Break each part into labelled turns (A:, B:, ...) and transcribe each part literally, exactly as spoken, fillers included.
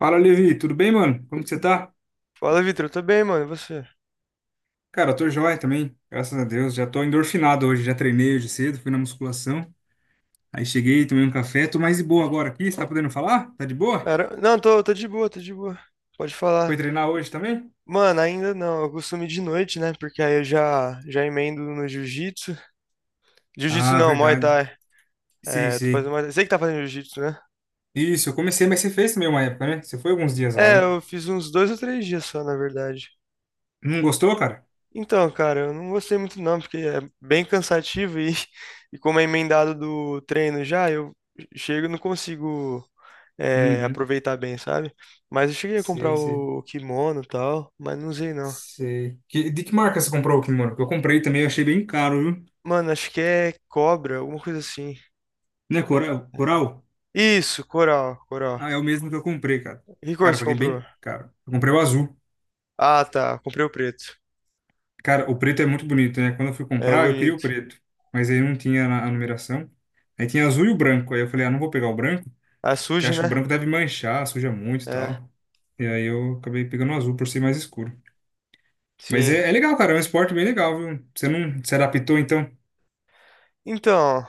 A: Fala, Levi, tudo bem, mano? Como que você tá?
B: Fala, Vitor. Eu tô bem, mano. E você?
A: Cara, eu tô joia também, graças a Deus. Já tô endorfinado hoje, já treinei hoje cedo, fui na musculação. Aí cheguei, tomei um café, tô mais de boa agora aqui. Você tá podendo falar? Tá de boa?
B: Cara, não, tô, tô de boa, tô de boa. Pode falar.
A: Foi treinar hoje também?
B: Mano, ainda não. Eu costumo ir de noite, né? Porque aí eu já, já emendo no jiu-jitsu. Jiu-jitsu
A: Ah,
B: não, Muay
A: verdade.
B: Thai.
A: Sei,
B: É, tô fazendo
A: sei.
B: Muay Thai. Sei que tá fazendo jiu-jitsu, né?
A: Isso, eu comecei, mas você fez também uma época, né? Você foi alguns dias lá,
B: É,
A: né?
B: eu fiz uns dois ou três dias só, na verdade.
A: Não gostou, cara?
B: Então, cara, eu não gostei muito não, porque é bem cansativo e, e como é emendado do treino já, eu chego e não consigo é,
A: Uhum.
B: aproveitar bem, sabe? Mas eu cheguei a comprar
A: Sei, sei.
B: o kimono e tal, mas não usei não.
A: Sei. Que- de que marca você comprou o kimono? Que eu comprei também, eu achei bem caro, viu?
B: Mano, acho que é cobra, alguma coisa assim.
A: Né, Coral? Coral?
B: Isso, coral, coral.
A: Ah, é o mesmo que eu comprei, cara.
B: Que cor
A: Cara, eu
B: você
A: paguei
B: comprou?
A: bem caro. Eu comprei o azul.
B: Ah, tá. Comprei o preto.
A: Cara, o preto é muito bonito, né? Quando eu fui
B: É
A: comprar, eu queria o
B: bonito.
A: preto, mas aí não tinha na- a numeração. Aí tinha azul e o branco. Aí eu falei, ah, não vou pegar o branco,
B: Ah, é
A: porque
B: sujo,
A: acho que o
B: né?
A: branco deve manchar, suja muito e
B: É,
A: tal. E aí eu acabei pegando o azul por ser mais escuro. Mas
B: sim.
A: é, é legal, cara, é um esporte bem legal, viu? Você não se adaptou, então?
B: Então,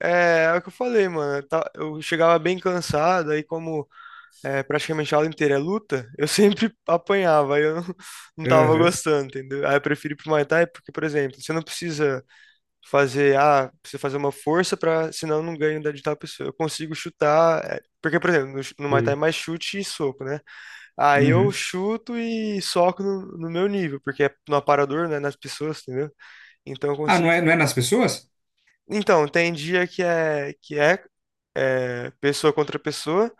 B: é, é o que eu falei, mano. Eu ta- eu chegava bem cansado, aí como é, praticamente a aula inteira é luta, eu sempre apanhava, aí eu não, não tava
A: Aham.
B: gostando, entendeu? Aí eu prefiro ir pro Muay Thai porque, por exemplo, você não precisa fazer, ah, preciso fazer uma força para, senão eu não ganho da de tal pessoa. Eu consigo chutar, é, porque, por exemplo, no, ch- no Muay Thai é
A: Sei.
B: mais chute e soco, né? Aí eu
A: Uhum.
B: chuto e soco no, no meu nível, porque é no aparador, né, nas pessoas, entendeu? Então eu
A: Ah, não
B: consigo.
A: é, não é nas pessoas?
B: Então, tem dia que é que é, é, pessoa contra pessoa,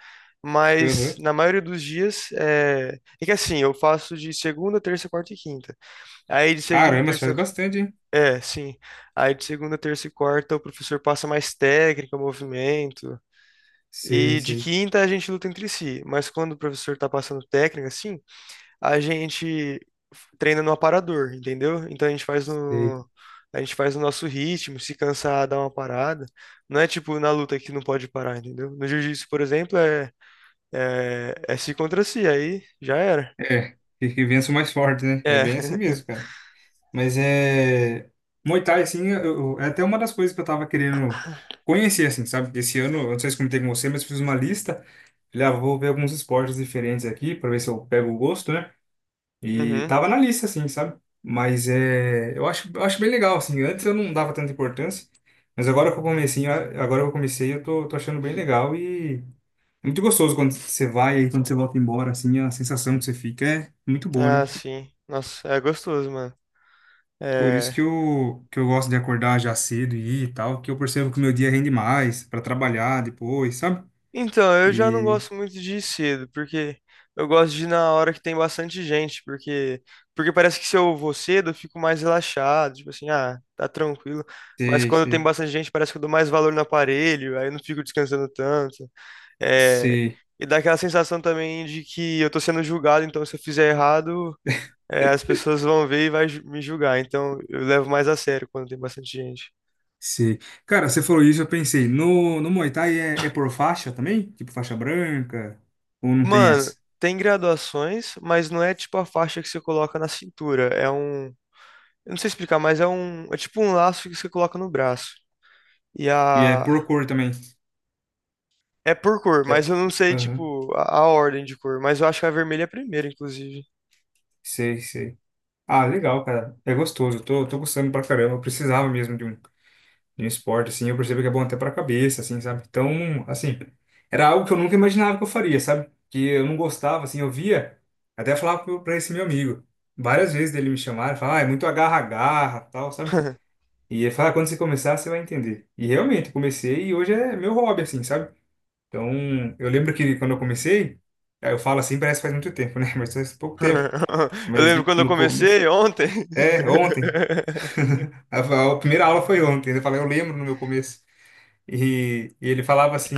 B: mas
A: Aham.
B: na maioria dos dias é, é que assim, eu faço de segunda, terça, quarta e quinta. Aí de segunda,
A: Caramba, mas faz
B: terça,
A: bastante, hein?
B: é, sim. Aí de segunda, terça e quarta o professor passa mais técnica, movimento.
A: Sei,
B: E de
A: sei,
B: quinta a gente luta entre si. Mas quando o professor tá passando técnica, assim, a gente treina no aparador, entendeu? Então a gente faz
A: sei.
B: no. A gente faz o nosso ritmo, se cansar, dá uma parada. Não é tipo na luta que não pode parar, entendeu? No jiu-jitsu, por exemplo, é, é, é si contra si, aí já era.
A: É, que que vença o mais forte, né? É
B: É.
A: bem assim mesmo, cara. Mas é. Muay Thai, assim, eu, eu- é até uma das coisas que eu tava querendo conhecer, assim, sabe? Esse ano, eu não sei se comentei com você, mas fiz uma lista. Falei, ah, vou ver alguns esportes diferentes aqui, pra ver se eu pego o gosto, né? E
B: Uhum.
A: tava na lista, assim, sabe? Mas é. Eu acho, eu acho bem legal, assim. Antes eu não dava tanta importância, mas agora que eu comecei, agora que eu comecei, eu tô, tô achando bem legal e. É muito gostoso quando você vai e quando você volta embora, assim, a sensação que você fica é muito boa,
B: Ah,
A: né?
B: sim. Nossa, é gostoso, mano.
A: Por
B: É,
A: isso que eu, que eu gosto de acordar já cedo e ir e tal, que eu percebo que o meu dia rende mais para trabalhar depois, sabe?
B: então, eu já não
A: E
B: gosto muito de ir cedo, porque eu gosto de ir na hora que tem bastante gente, porque porque parece que se eu vou cedo, eu fico mais relaxado, tipo assim, ah, tá tranquilo. Mas
A: sei,
B: quando tem
A: sei,
B: bastante gente, parece que eu dou mais valor no aparelho, aí eu não fico descansando tanto. É,
A: sei,
B: e dá aquela sensação também de que eu tô sendo julgado, então se eu fizer errado, é, as pessoas vão ver e vai ju- me julgar. Então, eu levo mais a sério quando tem bastante gente.
A: sei. Cara, você falou isso, eu pensei, no, no Muay Thai é, é por faixa também? Tipo faixa branca? Ou não tem
B: Mano,
A: essa?
B: tem graduações, mas não é tipo a faixa que você coloca na cintura. É um. Eu não sei explicar, mas é um. É tipo um laço que você coloca no braço. E
A: E é
B: a.
A: por cor também?
B: É por cor, mas
A: É.
B: eu não sei,
A: Aham,
B: tipo, a, a ordem de cor. Mas eu acho que a vermelha é a primeira, inclusive.
A: sei, sei. Ah, legal, cara. É gostoso, tô, tô gostando pra caramba. Eu precisava mesmo de um de um esporte, assim, eu percebo que é bom até pra cabeça, assim, sabe? Então, assim, era algo que eu nunca imaginava que eu faria, sabe? Que eu não gostava, assim, eu via, até falava pro- pra esse meu amigo, várias vezes dele me chamaram, falava, ah, é muito agarra-agarra, tal, sabe? E ele fala, quando você começar, você vai entender. E realmente, eu comecei e hoje é meu hobby, assim, sabe? Então, eu lembro que quando eu comecei, aí eu falo assim, parece que faz muito tempo, né? Mas faz pouco tempo.
B: Eu
A: Mas
B: lembro quando eu
A: no começo.
B: comecei ontem.
A: É, ontem. A a primeira aula foi ontem. Eu falei, eu lembro no meu começo. E, e ele falava assim: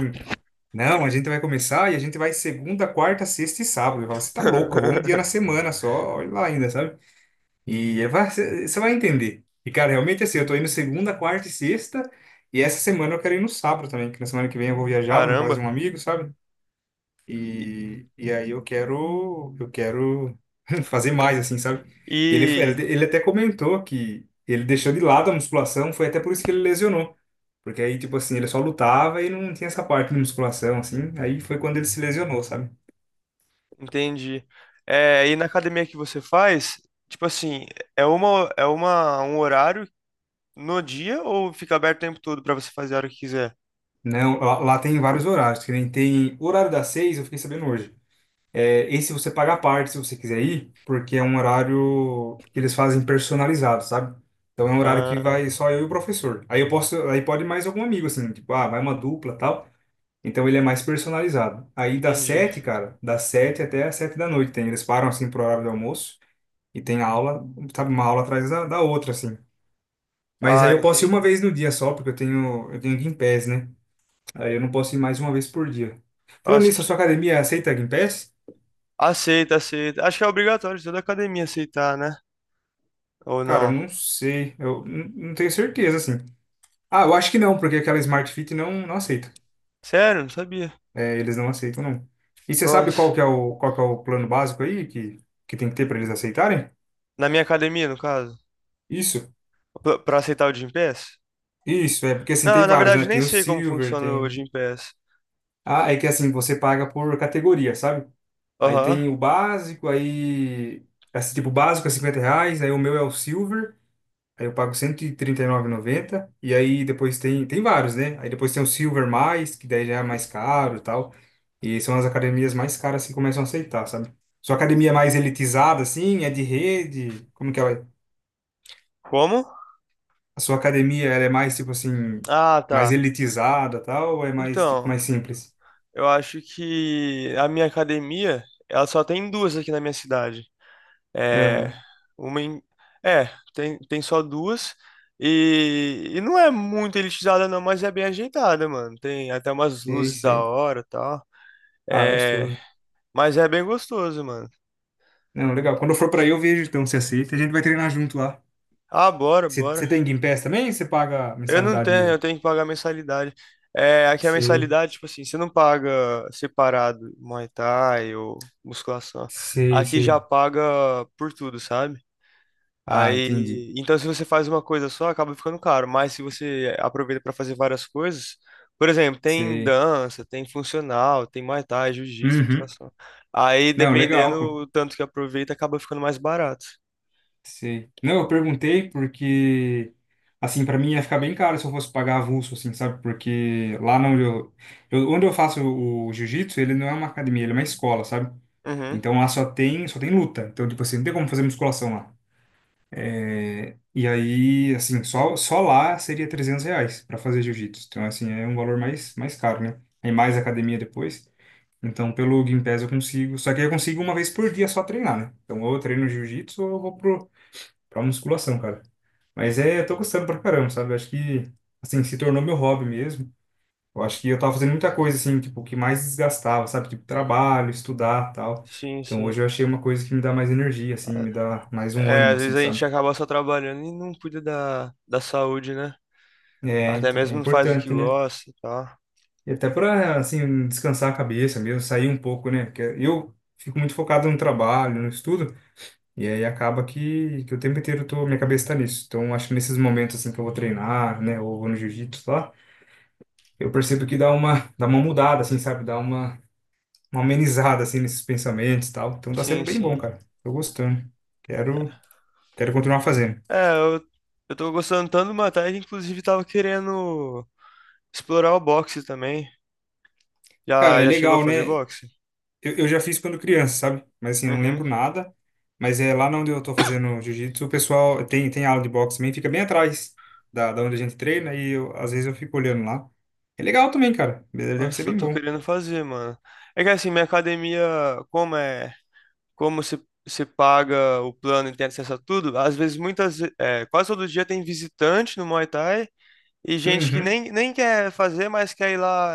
A: Não, a gente vai começar e a gente vai segunda, quarta, sexta e sábado. Eu falava: Você tá louco, eu vou um dia na semana só, olha lá ainda, sabe? E ele vai, você você vai entender. E cara, realmente assim, eu tô indo segunda, quarta e sexta, e essa semana eu quero ir no sábado também, que na semana que vem eu vou viajar, vou na casa de
B: Caramba.
A: um amigo, sabe?
B: E,
A: E, e aí eu quero, eu quero fazer mais, assim, sabe? E ele,
B: e-
A: ele até comentou que ele deixou de lado a musculação, foi até por isso que ele lesionou. Porque aí, tipo assim, ele só lutava e não tinha essa parte de musculação, assim. Aí foi quando ele se lesionou, sabe?
B: entendi. É, e na academia que você faz, tipo assim, é uma, é uma, um horário. No dia ou fica aberto o tempo todo pra você fazer a hora que quiser?
A: Não, lá, lá tem vários horários, que nem tem o horário das seis, eu fiquei sabendo hoje. É, esse você paga a parte se você quiser ir, porque é um horário que eles fazem personalizado, sabe? Então é um horário que
B: Ah,
A: vai só eu e o professor. Aí eu posso, aí pode mais algum amigo, assim, tipo, ah, vai uma dupla, tal. Então ele é mais personalizado. Aí das
B: entendi.
A: sete, cara, das sete até as sete da noite tem. Eles param assim pro horário do almoço e tem aula, sabe, uma aula atrás da, da outra, assim. Mas aí
B: Ah,
A: eu posso ir uma
B: entendi.
A: vez no dia só, porque eu tenho, eu tenho Game né? Aí eu não posso ir mais uma vez por dia. Falando
B: Nossa,
A: nisso, a sua
B: que-
A: academia aceita Game
B: aceita, aceita. Acho que é obrigatório toda academia aceitar, né? Ou
A: Cara, eu
B: não?
A: não sei. Eu n- não tenho certeza, assim. Ah, eu acho que não, porque aquela Smart Fit não, não aceita.
B: Sério? Não sabia.
A: É, eles não aceitam, não. E você sabe qual
B: Nossa.
A: que é o, qual que é o plano básico aí que, que tem que ter para eles aceitarem?
B: Na minha academia, no caso?
A: Isso.
B: Pra pra aceitar o Gympass?
A: Isso, é, porque assim,
B: Não,
A: tem
B: na
A: vários, né?
B: verdade, nem
A: Tem o
B: sei como
A: Silver,
B: funciona o
A: tem...
B: Gympass.
A: Ah, é que assim, você paga por categoria, sabe? Aí
B: Aham.
A: tem o básico, aí. Esse tipo básico é cinquenta reais, aí o meu é o Silver, aí eu pago cento e trinta e nove e noventa. E trinta e nove e noventa. E aí depois tem. Tem vários, né? Aí depois tem o Silver mais, que daí já é mais caro e tal. E são as academias mais caras que começam a aceitar, sabe? Sua academia é mais elitizada, assim, é de rede? Como que ela é?
B: Como?
A: A sua academia, ela é mais, tipo assim,
B: Ah,
A: mais
B: tá.
A: elitizada, tal, ou é mais, tipo,
B: Então,
A: mais simples?
B: eu acho que a minha academia, ela só tem duas aqui na minha cidade. É,
A: Aham,
B: uma em- é, tem, tem só duas. E, e não é muito elitizada, não, mas é bem ajeitada, mano. Tem até umas
A: sei,
B: luzes da
A: sei.
B: hora e tal.
A: Ah,
B: É,
A: gostoso.
B: mas é bem gostoso, mano.
A: Não, legal. Quando eu for pra aí, eu vejo, então, se aceita. A gente vai treinar junto lá.
B: Ah, bora,
A: Você você
B: bora.
A: tem Game Pass também? Ou você paga
B: Eu não
A: mensalidade
B: tenho, eu
A: mesmo?
B: tenho que pagar mensalidade. É, aqui a
A: Sei,
B: mensalidade, tipo assim, você não paga separado Muay Thai ou musculação.
A: sei,
B: Aqui já
A: sei.
B: paga por tudo, sabe?
A: Ah, entendi.
B: Aí, então se você faz uma coisa só, acaba ficando caro, mas se você aproveita para fazer várias coisas, por exemplo, tem
A: Sei.
B: dança, tem funcional, tem Muay Thai, jiu-jitsu,
A: Uhum.
B: musculação. Aí,
A: Não,
B: dependendo
A: legal, pô.
B: o tanto que aproveita, acaba ficando mais barato.
A: Sei. Não, eu perguntei porque, assim, pra mim ia ficar bem caro se eu fosse pagar avulso, assim, sabe? Porque lá onde eu, eu- onde eu faço o, o jiu-jitsu, ele não é uma academia, ele é uma escola, sabe?
B: Uhum.
A: Então lá só tem, só tem luta. Então, tipo assim, não tem como fazer musculação lá. E aí, assim, só, só lá seria trezentos reais para fazer jiu-jitsu. Então, assim, é um valor mais, mais caro, né? Aí mais academia depois. Então, pelo Gympass eu consigo. Só que eu consigo uma vez por dia só treinar, né? Então, ou eu treino jiu-jitsu ou eu vou pro, pra musculação, cara. Mas é, eu tô gostando pra caramba, sabe? Eu acho que, assim, se tornou meu hobby mesmo. Eu acho que eu tava fazendo muita coisa, assim, tipo, que mais desgastava, sabe? Tipo, trabalho, estudar, tal.
B: Sim,
A: Então,
B: sim.
A: hoje eu achei uma coisa que me dá mais energia, assim,
B: Ah,
A: me dá mais um
B: é,
A: ânimo,
B: às
A: assim,
B: vezes a gente
A: sabe?
B: acaba só trabalhando e não cuida da, da saúde, né?
A: É,
B: Até
A: então, é
B: mesmo não faz o que
A: importante, né?
B: gosta e tal.
A: E até para, assim, descansar a cabeça mesmo, sair um pouco, né? Porque eu fico muito focado no trabalho, no estudo, e aí acaba que, que o tempo inteiro eu tô, minha cabeça tá nisso. Então, acho que nesses momentos, assim, que eu vou treinar, né, ou vou no jiu-jitsu lá, eu percebo que dá uma, dá uma mudada, assim, sabe? Dá uma, uma amenizada, assim, nesses pensamentos e tal. Então, tá sendo
B: Sim,
A: bem bom,
B: sim.
A: cara. Tô gostando. Quero, quero continuar fazendo.
B: É, eu, eu tô gostando tanto do Muay Thai, que inclusive tava querendo explorar o boxe também.
A: Cara,
B: Já,
A: é
B: já chegou a
A: legal,
B: fazer
A: né?
B: boxe?
A: Eu, eu já fiz quando criança, sabe? Mas assim, eu não
B: Uhum.
A: lembro nada. Mas é lá onde eu tô fazendo jiu-jitsu, o pessoal tem, tem aula de boxe também, fica bem atrás da, da onde a gente treina e eu, às vezes eu fico olhando lá. É legal também, cara. Deve ser
B: Nossa, eu
A: bem
B: tô
A: bom.
B: querendo fazer, mano. É que assim, minha academia, como é, como se, se paga o plano e tem acesso a tudo, às vezes muitas, ve- é, quase todo dia tem visitante no Muay Thai e gente que
A: Uhum.
B: nem, nem quer fazer, mas quer ir lá,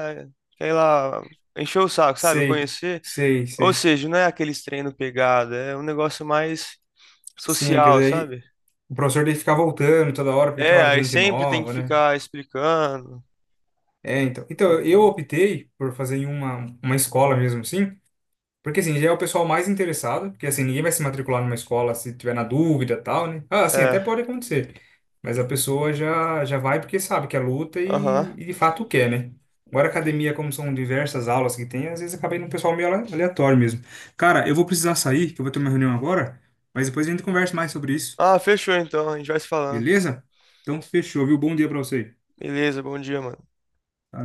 B: quer ir lá encher o saco, sabe?
A: Sei,
B: Conhecer.
A: sei,
B: Ou
A: sei.
B: seja, não é aqueles treino pegado, é um negócio mais
A: Sim, é que
B: social,
A: daí
B: sabe?
A: o professor dele ficar voltando toda hora, porque toda
B: É,
A: hora
B: aí
A: tem gente
B: sempre tem que
A: nova, né?
B: ficar explicando
A: É, então.
B: pro
A: Então,
B: povo
A: eu
B: lá.
A: optei por fazer em uma, uma escola mesmo, assim. Porque assim, já é o pessoal mais interessado, porque assim, ninguém vai se matricular numa escola se tiver na dúvida e tal, né? Ah, assim, até
B: É.
A: pode acontecer. Mas a pessoa já, já vai porque sabe que é luta
B: Aham.
A: e, e de fato quer, né? Agora, academia, como são diversas aulas que tem, às vezes acaba indo um pessoal meio ale- aleatório mesmo. Cara, eu vou precisar sair, que eu vou ter uma reunião agora, mas depois a gente conversa mais sobre isso,
B: Ah, fechou então. A gente vai se falando.
A: beleza? Então, fechou, viu? Bom dia pra você.
B: Beleza, bom dia, mano.
A: Valeu.